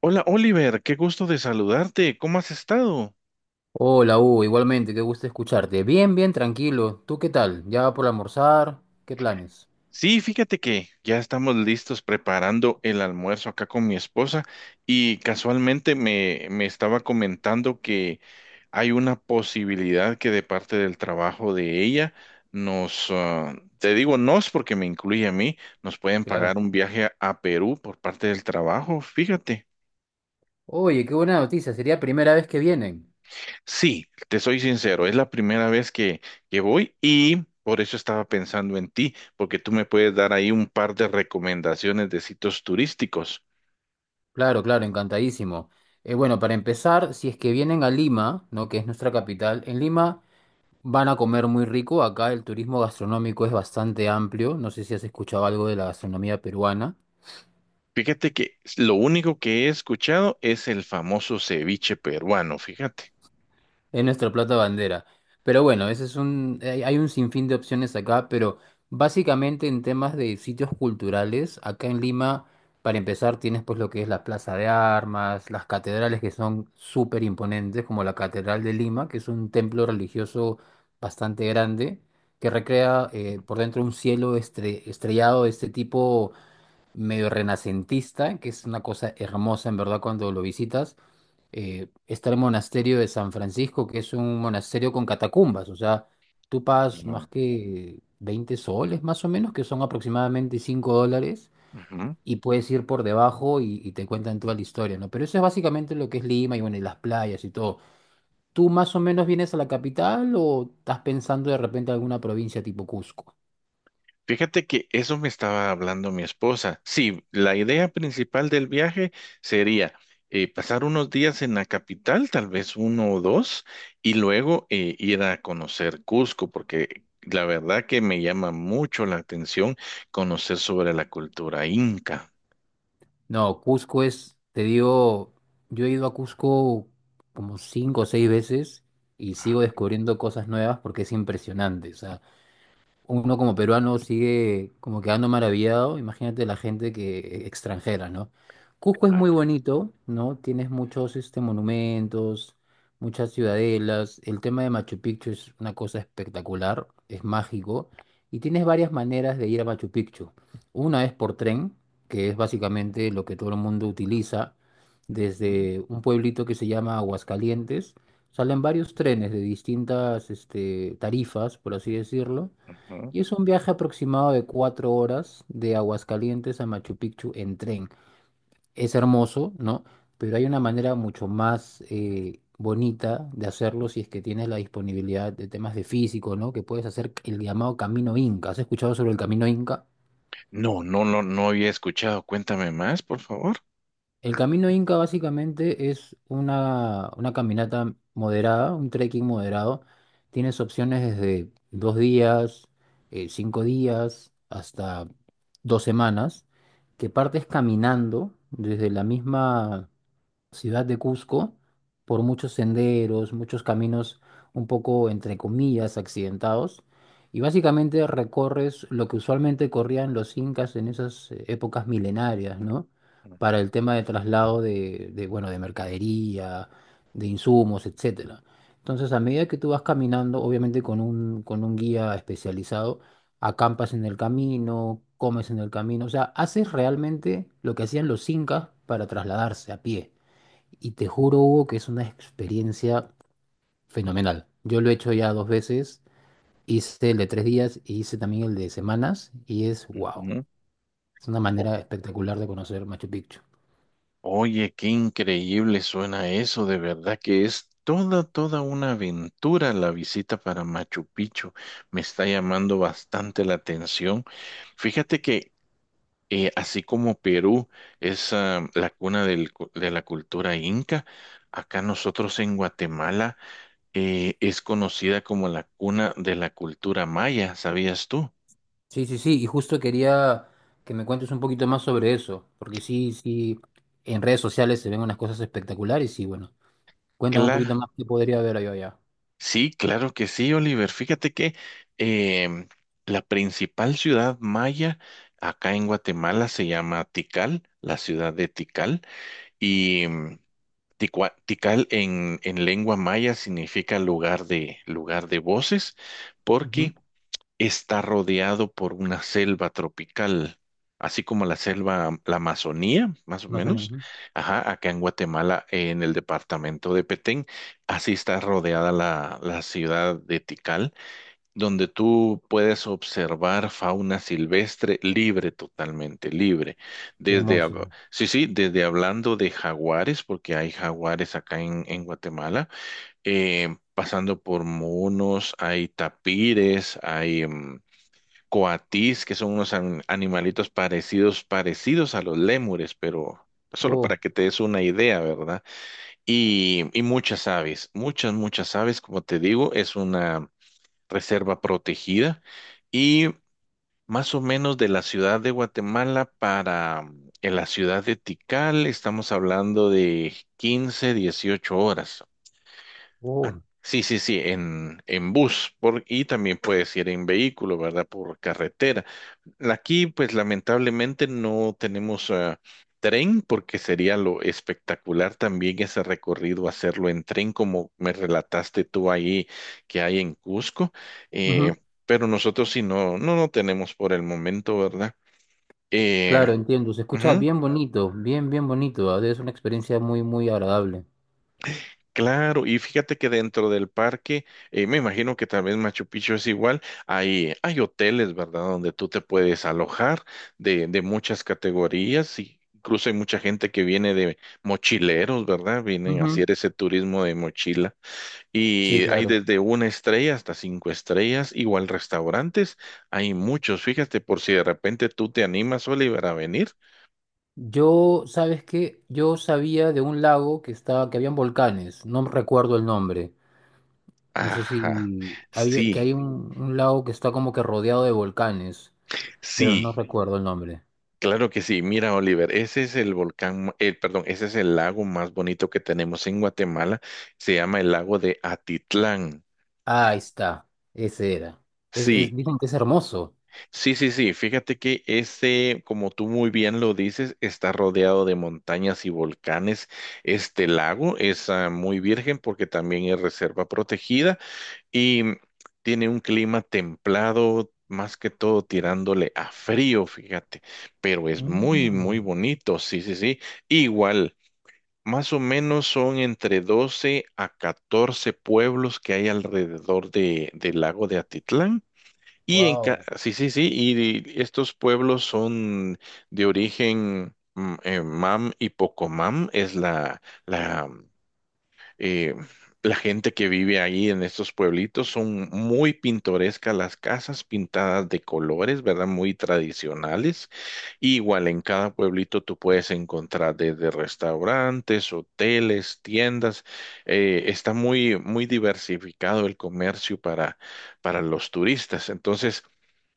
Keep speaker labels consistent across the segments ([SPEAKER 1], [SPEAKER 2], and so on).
[SPEAKER 1] Hola Oliver, qué gusto de saludarte. ¿Cómo has estado?
[SPEAKER 2] Hola, Hugo, igualmente, qué gusto escucharte. Bien, bien, tranquilo. ¿Tú qué tal? ¿Ya por almorzar? ¿Qué planes?
[SPEAKER 1] Sí, fíjate que ya estamos listos preparando el almuerzo acá con mi esposa y casualmente me estaba comentando que hay una posibilidad que de parte del trabajo de ella nos, te digo nos porque me incluye a mí, nos pueden pagar
[SPEAKER 2] Claro.
[SPEAKER 1] un viaje a Perú por parte del trabajo, fíjate.
[SPEAKER 2] Oye, qué buena noticia, sería primera vez que vienen.
[SPEAKER 1] Sí, te soy sincero, es la primera vez que voy y por eso estaba pensando en ti, porque tú me puedes dar ahí un par de recomendaciones de sitios turísticos.
[SPEAKER 2] Claro, claro, encantadísimo. Bueno, para empezar, si es que vienen a Lima, ¿no? Que es nuestra capital, en Lima van a comer muy rico. Acá el turismo gastronómico es bastante amplio. No sé si has escuchado algo de la gastronomía peruana.
[SPEAKER 1] Fíjate que lo único que he escuchado es el famoso ceviche peruano, fíjate.
[SPEAKER 2] Es nuestro plato bandera. Pero bueno, ese es un, hay un sinfín de opciones acá, pero básicamente en temas de sitios culturales, acá en Lima, para empezar, tienes pues lo que es la Plaza de Armas, las catedrales que son súper imponentes, como la Catedral de Lima, que es un templo religioso bastante grande, que recrea por dentro un cielo estrellado de este tipo medio renacentista, que es una cosa hermosa en verdad cuando lo visitas. Eh, está el monasterio de San Francisco, que es un monasterio con catacumbas, o sea, tú pagas más
[SPEAKER 1] No.
[SPEAKER 2] que 20 soles más o menos, que son aproximadamente 5 dólares,
[SPEAKER 1] Ujú.
[SPEAKER 2] y puedes ir por debajo y te cuentan toda la historia, ¿no? Pero eso es básicamente lo que es Lima y bueno, y las playas y todo. ¿Tú más o menos vienes a la capital o estás pensando de repente alguna provincia tipo Cusco?
[SPEAKER 1] Fíjate que eso me estaba hablando mi esposa. Sí, la idea principal del viaje sería pasar unos días en la capital, tal vez uno o dos, y luego ir a conocer Cusco, porque la verdad que me llama mucho la atención conocer sobre la cultura inca.
[SPEAKER 2] No, Cusco es, te digo, yo he ido a Cusco como cinco o seis veces y
[SPEAKER 1] Ah,
[SPEAKER 2] sigo descubriendo cosas nuevas porque es impresionante. O sea, uno como peruano sigue como quedando maravillado. Imagínate la gente que extranjera, ¿no? Cusco es muy bonito, ¿no? Tienes muchos este, monumentos, muchas ciudadelas. El tema de Machu Picchu es una cosa espectacular, es mágico. Y tienes varias maneras de ir a Machu Picchu. Una es por tren, que es básicamente lo que todo el mundo utiliza,
[SPEAKER 1] ujú,
[SPEAKER 2] desde un pueblito que se llama Aguascalientes. Salen varios trenes de distintas este, tarifas, por así decirlo,
[SPEAKER 1] ujú.
[SPEAKER 2] y es un viaje aproximado de 4 horas de Aguascalientes a Machu Picchu en tren. Es hermoso, ¿no? Pero hay una manera mucho más bonita de hacerlo si es que tienes la disponibilidad de temas de físico, ¿no? Que puedes hacer el llamado Camino Inca. ¿Has escuchado sobre el Camino Inca?
[SPEAKER 1] No, no, no, no había escuchado. Cuéntame más, por favor.
[SPEAKER 2] El camino Inca básicamente es una caminata moderada, un trekking moderado. Tienes opciones desde dos días, cinco días, hasta dos semanas, que partes caminando desde la misma ciudad de Cusco por muchos senderos, muchos caminos un poco, entre comillas, accidentados. Y básicamente recorres lo que usualmente corrían los incas en esas épocas milenarias, ¿no? Para el tema de traslado de, bueno, de mercadería, de insumos, etcétera. Entonces, a medida que tú vas caminando, obviamente con un guía especializado, acampas en el camino, comes en el camino, o sea, haces realmente lo que hacían los incas para trasladarse a pie. Y te juro, Hugo, que es una experiencia fenomenal. Yo lo he hecho ya dos veces, hice el de tres días y hice también el de semanas y es wow.
[SPEAKER 1] Ujú.
[SPEAKER 2] Es una
[SPEAKER 1] O-
[SPEAKER 2] manera espectacular de conocer Machu Picchu.
[SPEAKER 1] Oye, qué increíble suena eso, de verdad que es toda, toda una aventura la visita para Machu Picchu. Me está llamando bastante la atención. Fíjate que así como Perú es la cuna de la cultura inca, acá nosotros en Guatemala es conocida como la cuna de la cultura maya, ¿sabías tú?
[SPEAKER 2] Sí, sí, sí, y justo quería que me cuentes un poquito más sobre eso, porque sí, sí, en redes sociales se ven unas cosas espectaculares y bueno, cuéntame un
[SPEAKER 1] Claro.
[SPEAKER 2] poquito más qué podría ver yo allá.
[SPEAKER 1] Sí, claro que sí, Oliver. Fíjate que em, la principal ciudad maya acá en Guatemala se llama Tikal, la ciudad de Tikal, y Tikal en lengua maya significa lugar de voces,
[SPEAKER 2] Ujú.
[SPEAKER 1] porque está rodeado por una selva tropical, así como la selva, la Amazonía, más o
[SPEAKER 2] Más o menos,
[SPEAKER 1] menos.
[SPEAKER 2] ujú.
[SPEAKER 1] Ajá, acá en Guatemala, en el departamento de Petén, así está rodeada la ciudad de Tikal, donde tú puedes observar fauna silvestre libre, totalmente libre.
[SPEAKER 2] Qué hermoso.
[SPEAKER 1] Sí, sí, desde hablando de jaguares, porque hay jaguares acá en Guatemala, pasando por monos, hay tapires, hay coatís, que son unos animalitos parecidos, a los lémures, pero solo
[SPEAKER 2] Oh,
[SPEAKER 1] para que te des una idea, ¿verdad? Y muchas aves, muchas, muchas aves, como te digo, es una reserva protegida y más o menos de la ciudad de Guatemala para en la ciudad de Tikal estamos hablando de 15 18 horas.
[SPEAKER 2] oh.
[SPEAKER 1] Sí, sí, sí, en bus por, y también puedes ir en vehículo, ¿verdad? Por carretera. Aquí, pues lamentablemente no tenemos tren porque sería lo espectacular también ese recorrido, hacerlo en tren como me relataste tú ahí que hay en Cusco. Eh,
[SPEAKER 2] Ujú.
[SPEAKER 1] pero nosotros sí no, no, no tenemos por el momento, ¿verdad? Eh,
[SPEAKER 2] Claro, entiendo. Se escucha
[SPEAKER 1] Ujú.
[SPEAKER 2] bien bonito, bien, bien bonito. Es una experiencia muy, muy agradable.
[SPEAKER 1] Claro, y fíjate que dentro del parque, me imagino que también Machu Picchu es igual, hay hoteles, ¿verdad? Donde tú te puedes alojar de muchas categorías y incluso hay mucha gente que viene de mochileros, ¿verdad? Vienen a
[SPEAKER 2] Ujú.
[SPEAKER 1] hacer ese turismo de mochila
[SPEAKER 2] Sí,
[SPEAKER 1] y hay
[SPEAKER 2] claro.
[SPEAKER 1] desde una estrella hasta cinco estrellas, igual restaurantes, hay muchos, fíjate, por si de repente tú te animas, Oliver, a venir.
[SPEAKER 2] Yo, ¿sabes qué? Yo sabía de un lago que estaba, que habían volcanes. No recuerdo el nombre. No sé
[SPEAKER 1] Ajá,
[SPEAKER 2] si había, que
[SPEAKER 1] sí,
[SPEAKER 2] hay un lago que está como que rodeado de volcanes, pero no
[SPEAKER 1] sí.
[SPEAKER 2] recuerdo el nombre.
[SPEAKER 1] Claro que sí. Mira, Oliver, ese es el volcán, perdón, ese es el lago más bonito que tenemos en Guatemala. Se llama el lago de Atitlán.
[SPEAKER 2] Ah, ahí está. Ese era.
[SPEAKER 1] Sí,
[SPEAKER 2] Es- dicen que es hermoso.
[SPEAKER 1] sí, sí, sí. Fíjate que ese, como tú muy bien lo dices, está rodeado de montañas y volcanes. Este lago es muy virgen porque también es reserva protegida y tiene un clima templado, más que todo tirándole a frío, fíjate. Pero es muy, muy
[SPEAKER 2] Mm,
[SPEAKER 1] bonito. Sí, sí, sí. Igual. Más o menos son entre 12 a 14 pueblos que hay alrededor del lago de Atitlán.
[SPEAKER 2] wow.
[SPEAKER 1] Sí, sí, sí, y estos pueblos son de origen Mam y Pocomam, es la eh, la gente que vive ahí en estos pueblitos son muy pintorescas, las casas pintadas de colores, ¿verdad? Muy tradicionales. Y igual en cada pueblito tú puedes encontrar desde restaurantes, hoteles, tiendas. Está muy, muy diversificado el comercio para, los turistas. Entonces,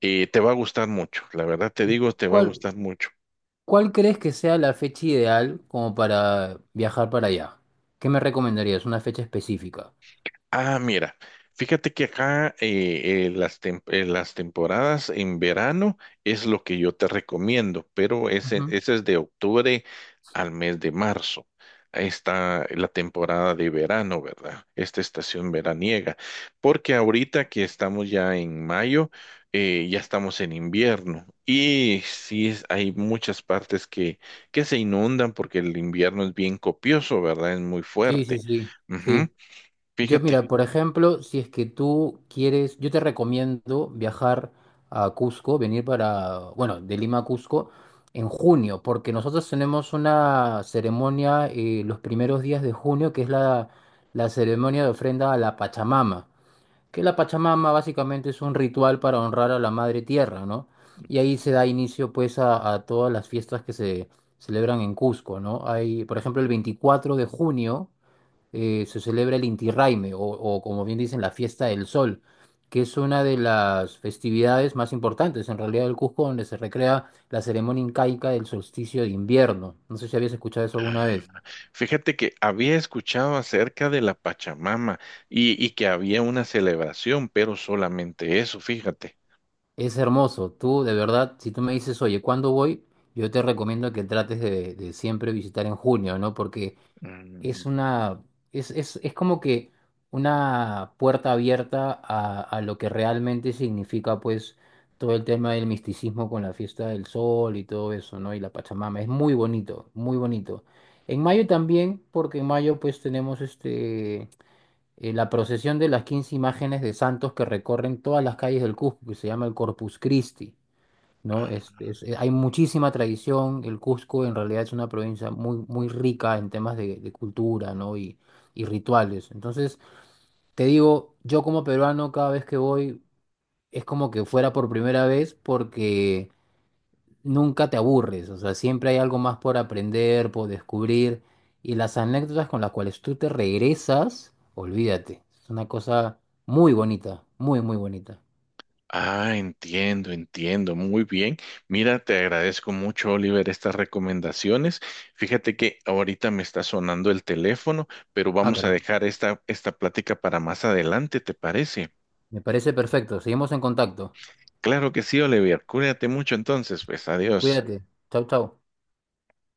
[SPEAKER 1] te va a gustar mucho, la verdad te
[SPEAKER 2] ¿Y
[SPEAKER 1] digo, te va a
[SPEAKER 2] cuál?
[SPEAKER 1] gustar mucho.
[SPEAKER 2] ¿Cuál crees que sea la fecha ideal como para viajar para allá? ¿Qué me recomendarías? Una fecha específica.
[SPEAKER 1] Ah, mira, fíjate que acá las temporadas en verano es lo que yo te recomiendo, pero ese,
[SPEAKER 2] Ujú.
[SPEAKER 1] ese es de octubre al mes de marzo. Ahí está la temporada de verano, ¿verdad? Esta estación veraniega. Porque ahorita que estamos ya en mayo, ya estamos en invierno. Y sí, es- hay muchas partes que se inundan porque el invierno es bien copioso, ¿verdad? Es muy
[SPEAKER 2] Sí, sí,
[SPEAKER 1] fuerte.
[SPEAKER 2] sí,
[SPEAKER 1] Ujú.
[SPEAKER 2] sí. Yo,
[SPEAKER 1] Fíjate.
[SPEAKER 2] mira, por ejemplo, si es que tú quieres, yo te recomiendo viajar a Cusco, venir para, bueno, de Lima a Cusco en junio, porque nosotros tenemos una ceremonia los primeros días de junio, que es la, la ceremonia de ofrenda a la Pachamama. Que la Pachamama básicamente es un ritual para honrar a la Madre Tierra, ¿no? Y ahí se da inicio pues a todas las fiestas que se celebran en Cusco, ¿no? Hay, por ejemplo, el 24 de junio se celebra el Inti Raymi, o como bien dicen, la Fiesta del Sol, que es una de las festividades más importantes en realidad del Cusco, donde se recrea la ceremonia incaica del solsticio de invierno. No sé si habías escuchado eso alguna vez.
[SPEAKER 1] Fíjate que había escuchado acerca de la Pachamama y que había una celebración, pero solamente eso, fíjate.
[SPEAKER 2] Es hermoso. Tú, de verdad, si tú me dices, oye, ¿cuándo voy? Yo te recomiendo que trates de siempre visitar en junio, ¿no? Porque
[SPEAKER 1] Mm.
[SPEAKER 2] es una, es como que una puerta abierta a lo que realmente significa, pues, todo el tema del misticismo con la fiesta del sol y todo eso, ¿no? Y la Pachamama. Es muy bonito, muy bonito. En mayo también, porque en mayo, pues, tenemos este la procesión de las 15 imágenes de santos que recorren todas las calles del Cusco, que se llama el Corpus Christi, ¿no? Es- hay muchísima tradición, el Cusco en realidad es una provincia muy, muy rica en temas de cultura, ¿no? Y rituales. Entonces, te digo, yo como peruano cada vez que voy es como que fuera por primera vez porque nunca te aburres, o sea, siempre hay algo más por aprender, por descubrir, y las anécdotas con las cuales tú te regresas, olvídate, es una cosa muy bonita, muy, muy bonita.
[SPEAKER 1] Ah, entiendo, entiendo. Muy bien. Mira, te agradezco mucho, Oliver, estas recomendaciones. Fíjate que ahorita me está sonando el teléfono, pero
[SPEAKER 2] Ah,
[SPEAKER 1] vamos a
[SPEAKER 2] caramba,
[SPEAKER 1] dejar esta, plática para más adelante, ¿te parece?
[SPEAKER 2] me parece perfecto, seguimos en contacto,
[SPEAKER 1] Claro que sí, Oliver. Cuídate mucho entonces, pues adiós.
[SPEAKER 2] cuídate, chau, chau.